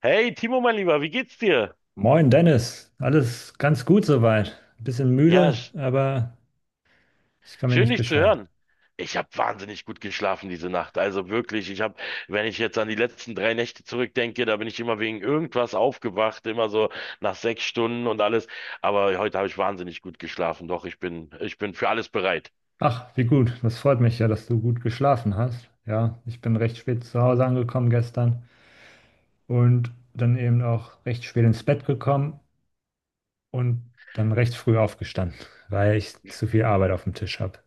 Hey, Timo, mein Lieber, wie geht's dir? Moin Dennis, alles ganz gut soweit. Ein bisschen Ja, müde, aber ich kann mich schön nicht dich zu beschweren. hören. Ich habe wahnsinnig gut geschlafen diese Nacht. Also wirklich, ich habe, wenn ich jetzt an die letzten 3 Nächte zurückdenke, da bin ich immer wegen irgendwas aufgewacht, immer so nach 6 Stunden und alles. Aber heute habe ich wahnsinnig gut geschlafen. Doch, ich bin für alles bereit. Ach, wie gut, das freut mich ja, dass du gut geschlafen hast. Ja, ich bin recht spät zu Hause angekommen gestern und dann eben auch recht spät ins Bett gekommen und dann recht früh aufgestanden, weil ich zu viel Arbeit auf dem Tisch habe.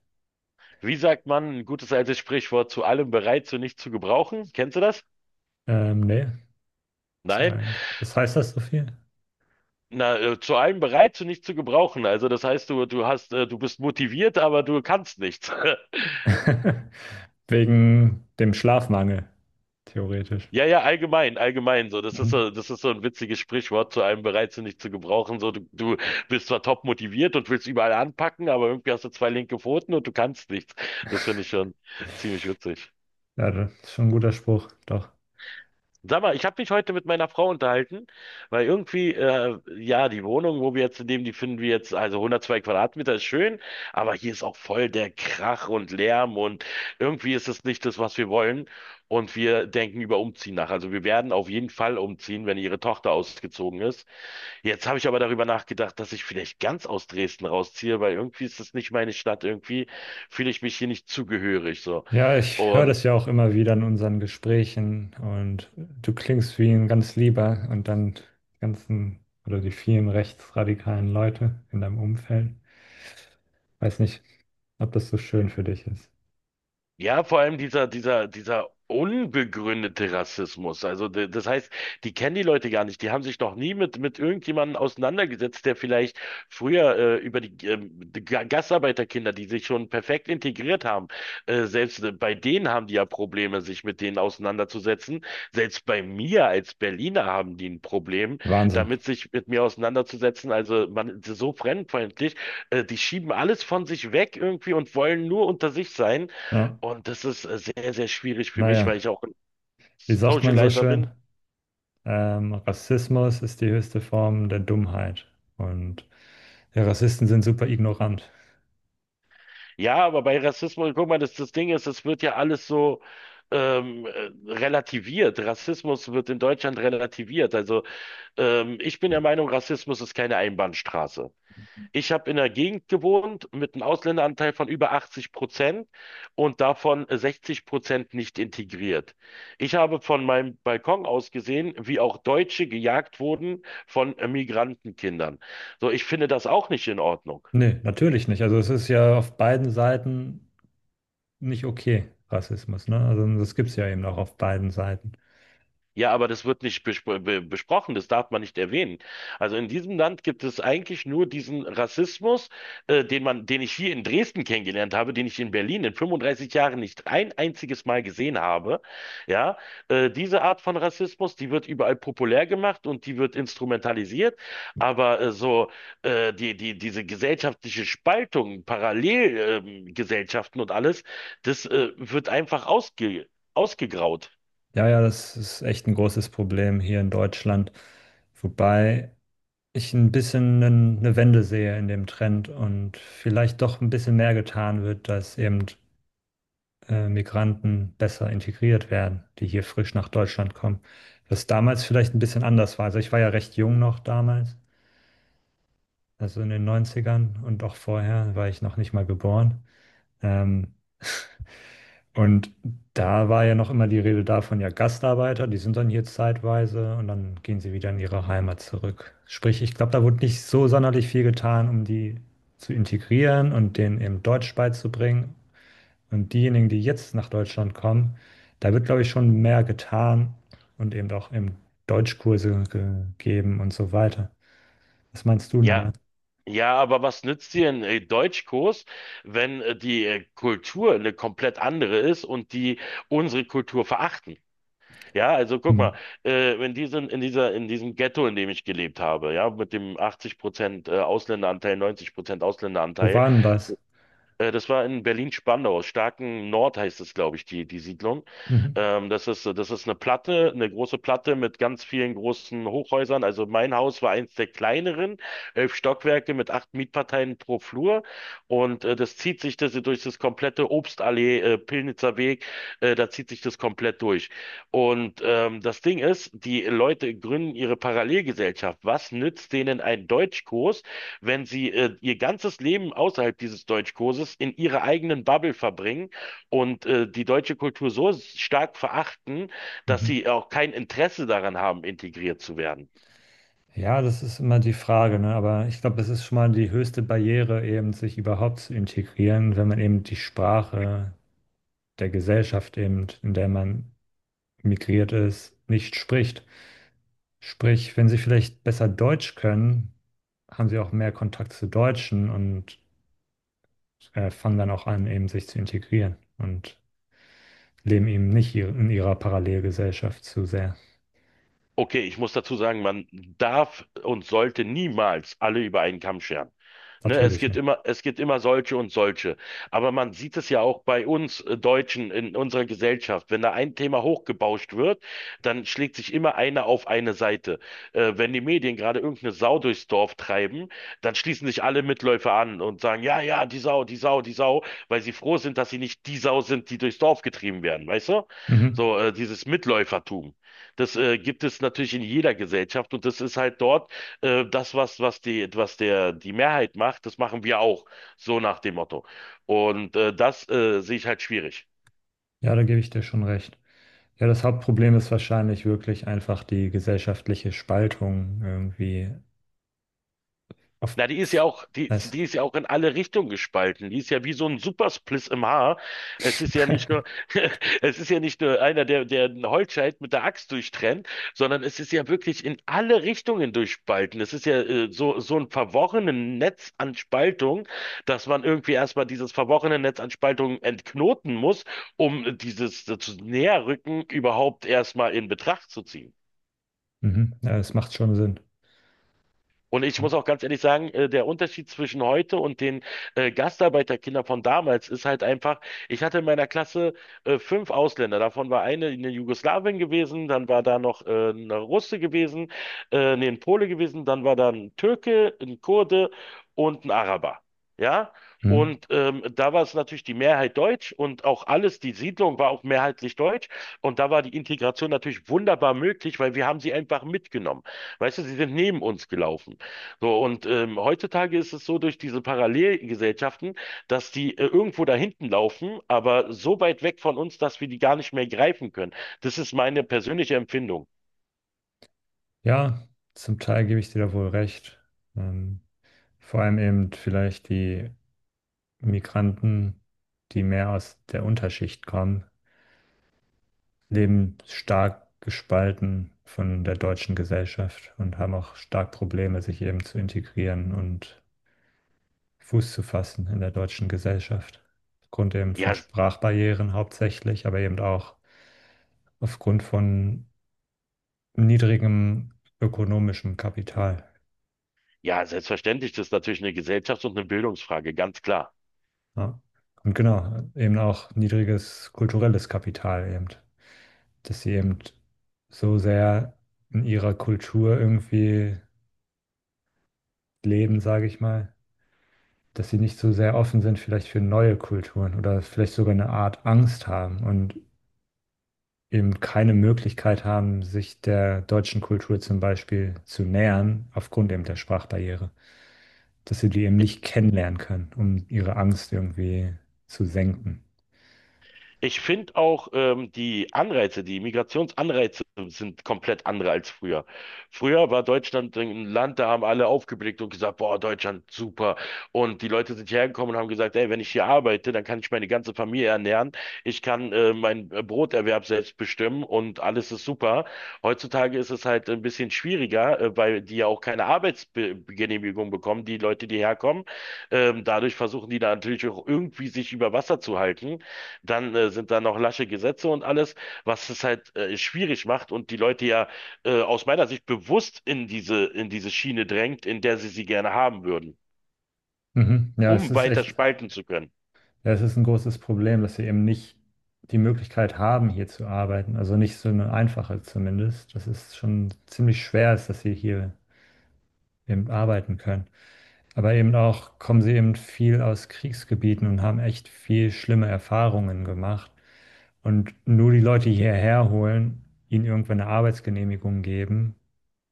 Wie sagt man, ein gutes altes Sprichwort, zu allem bereit, zu nichts zu gebrauchen? Kennst du das? Nee, zu Nein, allem. Was heißt das so viel? na, zu allem bereit, zu nichts zu gebrauchen. Also das heißt, du hast, du bist motiviert, aber du kannst nichts. Wegen dem Schlafmangel, theoretisch. Ja, ja, allgemein, allgemein so. Das ist Mhm. so, das ist so ein witziges Sprichwort zu einem bereit sind nicht zu gebrauchen. So, du bist zwar top motiviert und willst überall anpacken, aber irgendwie hast du zwei linke Pfoten und du kannst nichts. Das finde ich schon ziemlich witzig. Ja, das ist schon ein guter Spruch, doch. Sag mal, ich habe mich heute mit meiner Frau unterhalten, weil irgendwie, ja, die Wohnung, wo wir jetzt leben, die finden wir jetzt, also 102 Quadratmeter ist schön, aber hier ist auch voll der Krach und Lärm und irgendwie ist es nicht das, was wir wollen. Und wir denken über Umziehen nach. Also wir werden auf jeden Fall umziehen, wenn ihre Tochter ausgezogen ist. Jetzt habe ich aber darüber nachgedacht, dass ich vielleicht ganz aus Dresden rausziehe, weil irgendwie ist das nicht meine Stadt. Irgendwie fühle ich mich hier nicht zugehörig, so. Ja, ich höre Und das ja auch immer wieder in unseren Gesprächen, und du klingst wie ein ganz lieber und dann die ganzen oder die vielen rechtsradikalen Leute in deinem Umfeld. Weiß nicht, ob das so schön für dich ist. ja, vor allem dieser unbegründete Rassismus. Also, das heißt, die kennen die Leute gar nicht. Die haben sich noch nie mit irgendjemandem auseinandergesetzt, der vielleicht früher über die Gastarbeiterkinder, die sich schon perfekt integriert haben, selbst bei denen haben die ja Probleme, sich mit denen auseinanderzusetzen. Selbst bei mir als Berliner haben die ein Problem, Wahnsinn. damit sich mit mir auseinanderzusetzen. Also, man ist so fremdenfeindlich. Die schieben alles von sich weg irgendwie und wollen nur unter sich sein. Ja, Und das ist sehr, sehr schwierig für mich, naja, weil ich auch ein wie sagt man so Socializer schön? bin. Rassismus ist die höchste Form der Dummheit, und ja, Rassisten sind super ignorant. Ja, aber bei Rassismus, guck mal, das Ding ist, es wird ja alles so relativiert. Rassismus wird in Deutschland relativiert. Also ich bin der Meinung, Rassismus ist keine Einbahnstraße. Ich habe in der Gegend gewohnt mit einem Ausländeranteil von über 80% und davon 60% nicht integriert. Ich habe von meinem Balkon aus gesehen, wie auch Deutsche gejagt wurden von Migrantenkindern. So, ich finde das auch nicht in Ordnung. Nee, natürlich nicht. Also es ist ja auf beiden Seiten nicht okay, Rassismus, ne? Also das gibt es ja eben auch auf beiden Seiten. Ja, aber das wird nicht besprochen, das darf man nicht erwähnen. Also in diesem Land gibt es eigentlich nur diesen Rassismus, den ich hier in Dresden kennengelernt habe, den ich in Berlin in 35 Jahren nicht ein einziges Mal gesehen habe. Ja, diese Art von Rassismus, die wird überall populär gemacht und die wird instrumentalisiert. Aber so diese gesellschaftliche Spaltung, Parallelgesellschaften und alles, das wird einfach ausgegraut. Ja, das ist echt ein großes Problem hier in Deutschland, wobei ich ein bisschen eine Wende sehe in dem Trend, und vielleicht doch ein bisschen mehr getan wird, dass eben Migranten besser integriert werden, die hier frisch nach Deutschland kommen. Was damals vielleicht ein bisschen anders war. Also ich war ja recht jung noch damals, also in den Neunzigern, und auch vorher war ich noch nicht mal geboren. Ähm, Und da war ja noch immer die Rede davon, ja, Gastarbeiter, die sind dann hier zeitweise und dann gehen sie wieder in ihre Heimat zurück. Sprich, ich glaube, da wurde nicht so sonderlich viel getan, um die zu integrieren und denen eben Deutsch beizubringen. Und diejenigen, die jetzt nach Deutschland kommen, da wird, glaube ich, schon mehr getan und eben auch Deutschkurse gegeben und so weiter. Was meinst du denn Ja, da? ja, aber was nützt dir ein Deutschkurs, wenn die Kultur eine komplett andere ist und die unsere Kultur verachten? Ja, also guck Hm. mal, in diesem Ghetto, in dem ich gelebt habe, ja, mit dem 80% Ausländeranteil, 90% Wo Ausländeranteil, war denn das? Das war in Berlin-Spandau, Starken Nord heißt es, glaube ich, die Siedlung. Mhm. Das ist eine Platte, eine große Platte mit ganz vielen großen Hochhäusern. Also mein Haus war eins der kleineren, 11 Stockwerke mit acht Mietparteien pro Flur. Und das zieht sich das, durch das komplette Obstallee, Pillnitzer Weg, da zieht sich das komplett durch. Und das Ding ist, die Leute gründen ihre Parallelgesellschaft. Was nützt denen ein Deutschkurs, wenn sie ihr ganzes Leben außerhalb dieses Deutschkurses in ihrer eigenen Bubble verbringen und die deutsche Kultur so stark verachten, dass Mhm. sie auch kein Interesse daran haben, integriert zu werden? Ja, das ist immer die Frage, ne? Aber ich glaube, das ist schon mal die höchste Barriere, eben sich überhaupt zu integrieren, wenn man eben die Sprache der Gesellschaft eben, in der man migriert ist, nicht spricht. Sprich, wenn sie vielleicht besser Deutsch können, haben sie auch mehr Kontakt zu Deutschen und fangen dann auch an, eben sich zu integrieren und leben eben nicht in ihrer Parallelgesellschaft zu sehr. Okay, ich muss dazu sagen, man darf und sollte niemals alle über einen Kamm scheren. Ne, es Natürlich, gibt ne? immer, es gibt immer solche und solche. Aber man sieht es ja auch bei uns Deutschen in unserer Gesellschaft. Wenn da ein Thema hochgebauscht wird, dann schlägt sich immer einer auf eine Seite. Wenn die Medien gerade irgendeine Sau durchs Dorf treiben, dann schließen sich alle Mitläufer an und sagen, ja, ja, die Sau, die Sau, die Sau, weil sie froh sind, dass sie nicht die Sau sind, die durchs Dorf getrieben werden, weißt du? Mhm. So, dieses Mitläufertum. Das gibt es natürlich in jeder Gesellschaft und das ist halt dort das, was die Mehrheit macht, das machen wir auch. So nach dem Motto. Und das sehe ich halt schwierig. Ja, da gebe ich dir schon recht. Ja, das Hauptproblem ist wahrscheinlich wirklich einfach die gesellschaftliche Spaltung irgendwie. Auf, Na, es, die ist ja auch in alle Richtungen gespalten. Die ist ja wie so ein Superspliss im Haar. Es ist ja nicht nur, es ist ja nicht nur einer, der einen Holzscheit mit der Axt durchtrennt, sondern es ist ja wirklich in alle Richtungen durchspalten. Es ist ja so, so ein verworrenes Netz an Spaltung, dass man irgendwie erstmal dieses verworrene Netz an Spaltung entknoten muss, um dieses zu Näherrücken überhaupt erstmal in Betracht zu ziehen. mhm, ja, es macht schon Sinn. Und ich Ja. muss auch ganz ehrlich sagen, der Unterschied zwischen heute und den Gastarbeiterkindern von damals ist halt einfach, ich hatte in meiner Klasse fünf Ausländer. Davon war eine in Jugoslawien gewesen, dann war da noch eine Russe gewesen, nee, ein Pole gewesen, dann war da ein Türke, ein Kurde und ein Araber. Ja? Mhm. Und da war es natürlich die Mehrheit deutsch und auch alles, die Siedlung war auch mehrheitlich deutsch. Und da war die Integration natürlich wunderbar möglich, weil wir haben sie einfach mitgenommen. Weißt du, sie sind neben uns gelaufen. So, und heutzutage ist es so durch diese Parallelgesellschaften, dass die irgendwo da hinten laufen, aber so weit weg von uns, dass wir die gar nicht mehr greifen können. Das ist meine persönliche Empfindung. Ja, zum Teil gebe ich dir da wohl recht. Ähm, Vor allem eben vielleicht die Migranten, die mehr aus der Unterschicht kommen, leben stark gespalten von der deutschen Gesellschaft und haben auch stark Probleme, sich eben zu integrieren und Fuß zu fassen in der deutschen Gesellschaft. Aufgrund eben von Ja, Sprachbarrieren hauptsächlich, aber eben auch aufgrund von niedrigem ökonomischem Kapital. ja, selbstverständlich, das ist natürlich eine Gesellschafts- und eine Bildungsfrage, ganz klar. Ja. Und genau, eben auch niedriges kulturelles Kapital eben, dass sie eben so sehr in ihrer Kultur irgendwie leben, sage ich mal, dass sie nicht so sehr offen sind vielleicht für neue Kulturen oder vielleicht sogar eine Art Angst haben und eben keine Möglichkeit haben, sich der deutschen Kultur zum Beispiel zu nähern, aufgrund eben der Sprachbarriere. Dass sie die eben nicht kennenlernen können, um ihre Angst irgendwie zu senken. Ich finde auch die Migrationsanreize sind komplett andere als früher. Früher war Deutschland ein Land, da haben alle aufgeblickt und gesagt, boah, Deutschland, super. Und die Leute sind hierher gekommen und haben gesagt, ey, wenn ich hier arbeite, dann kann ich meine ganze Familie ernähren, ich kann meinen Broterwerb selbst bestimmen und alles ist super. Heutzutage ist es halt ein bisschen schwieriger, weil die ja auch keine Arbeitsgenehmigung bekommen, die Leute, die herkommen. Dadurch versuchen die da natürlich auch irgendwie sich über Wasser zu halten. Dann sind da noch lasche Gesetze und alles, was es halt schwierig macht und die Leute ja aus meiner Sicht bewusst in diese Schiene drängt, in der sie sie gerne haben würden, Mhm. Ja, es um ist weiter echt, spalten zu können. ja, es ist ein großes Problem, dass sie eben nicht die Möglichkeit haben, hier zu arbeiten. Also nicht so eine einfache zumindest. Das ist schon ziemlich schwer ist, dass sie hier eben arbeiten können. Aber eben auch kommen sie eben viel aus Kriegsgebieten und haben echt viel schlimme Erfahrungen gemacht. Und nur die Leute hierher holen, ihnen irgendwann eine Arbeitsgenehmigung geben,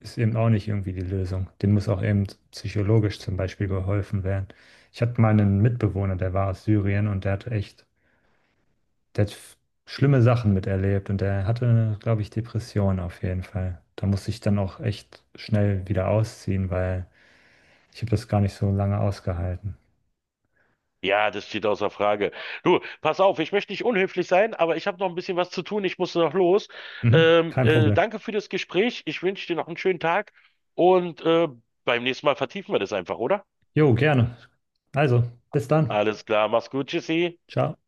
ist eben auch nicht irgendwie die Lösung. Denen muss auch eben psychologisch zum Beispiel geholfen werden. Ich hatte mal einen Mitbewohner, der war aus Syrien, und der hat echt, der hat f- schlimme Sachen miterlebt, und der hatte, glaube ich, Depressionen auf jeden Fall. Da musste ich dann auch echt schnell wieder ausziehen, weil ich habe das gar nicht so lange ausgehalten. Ja, das steht außer Frage. Du, pass auf, ich möchte nicht unhöflich sein, aber ich habe noch ein bisschen was zu tun, ich muss noch los. Mhm. Kein Problem. Danke für das Gespräch, ich wünsche dir noch einen schönen Tag und beim nächsten Mal vertiefen wir das einfach, oder? Jo, gerne. Also, bis dann. Alles klar, mach's gut, tschüssi. Ciao.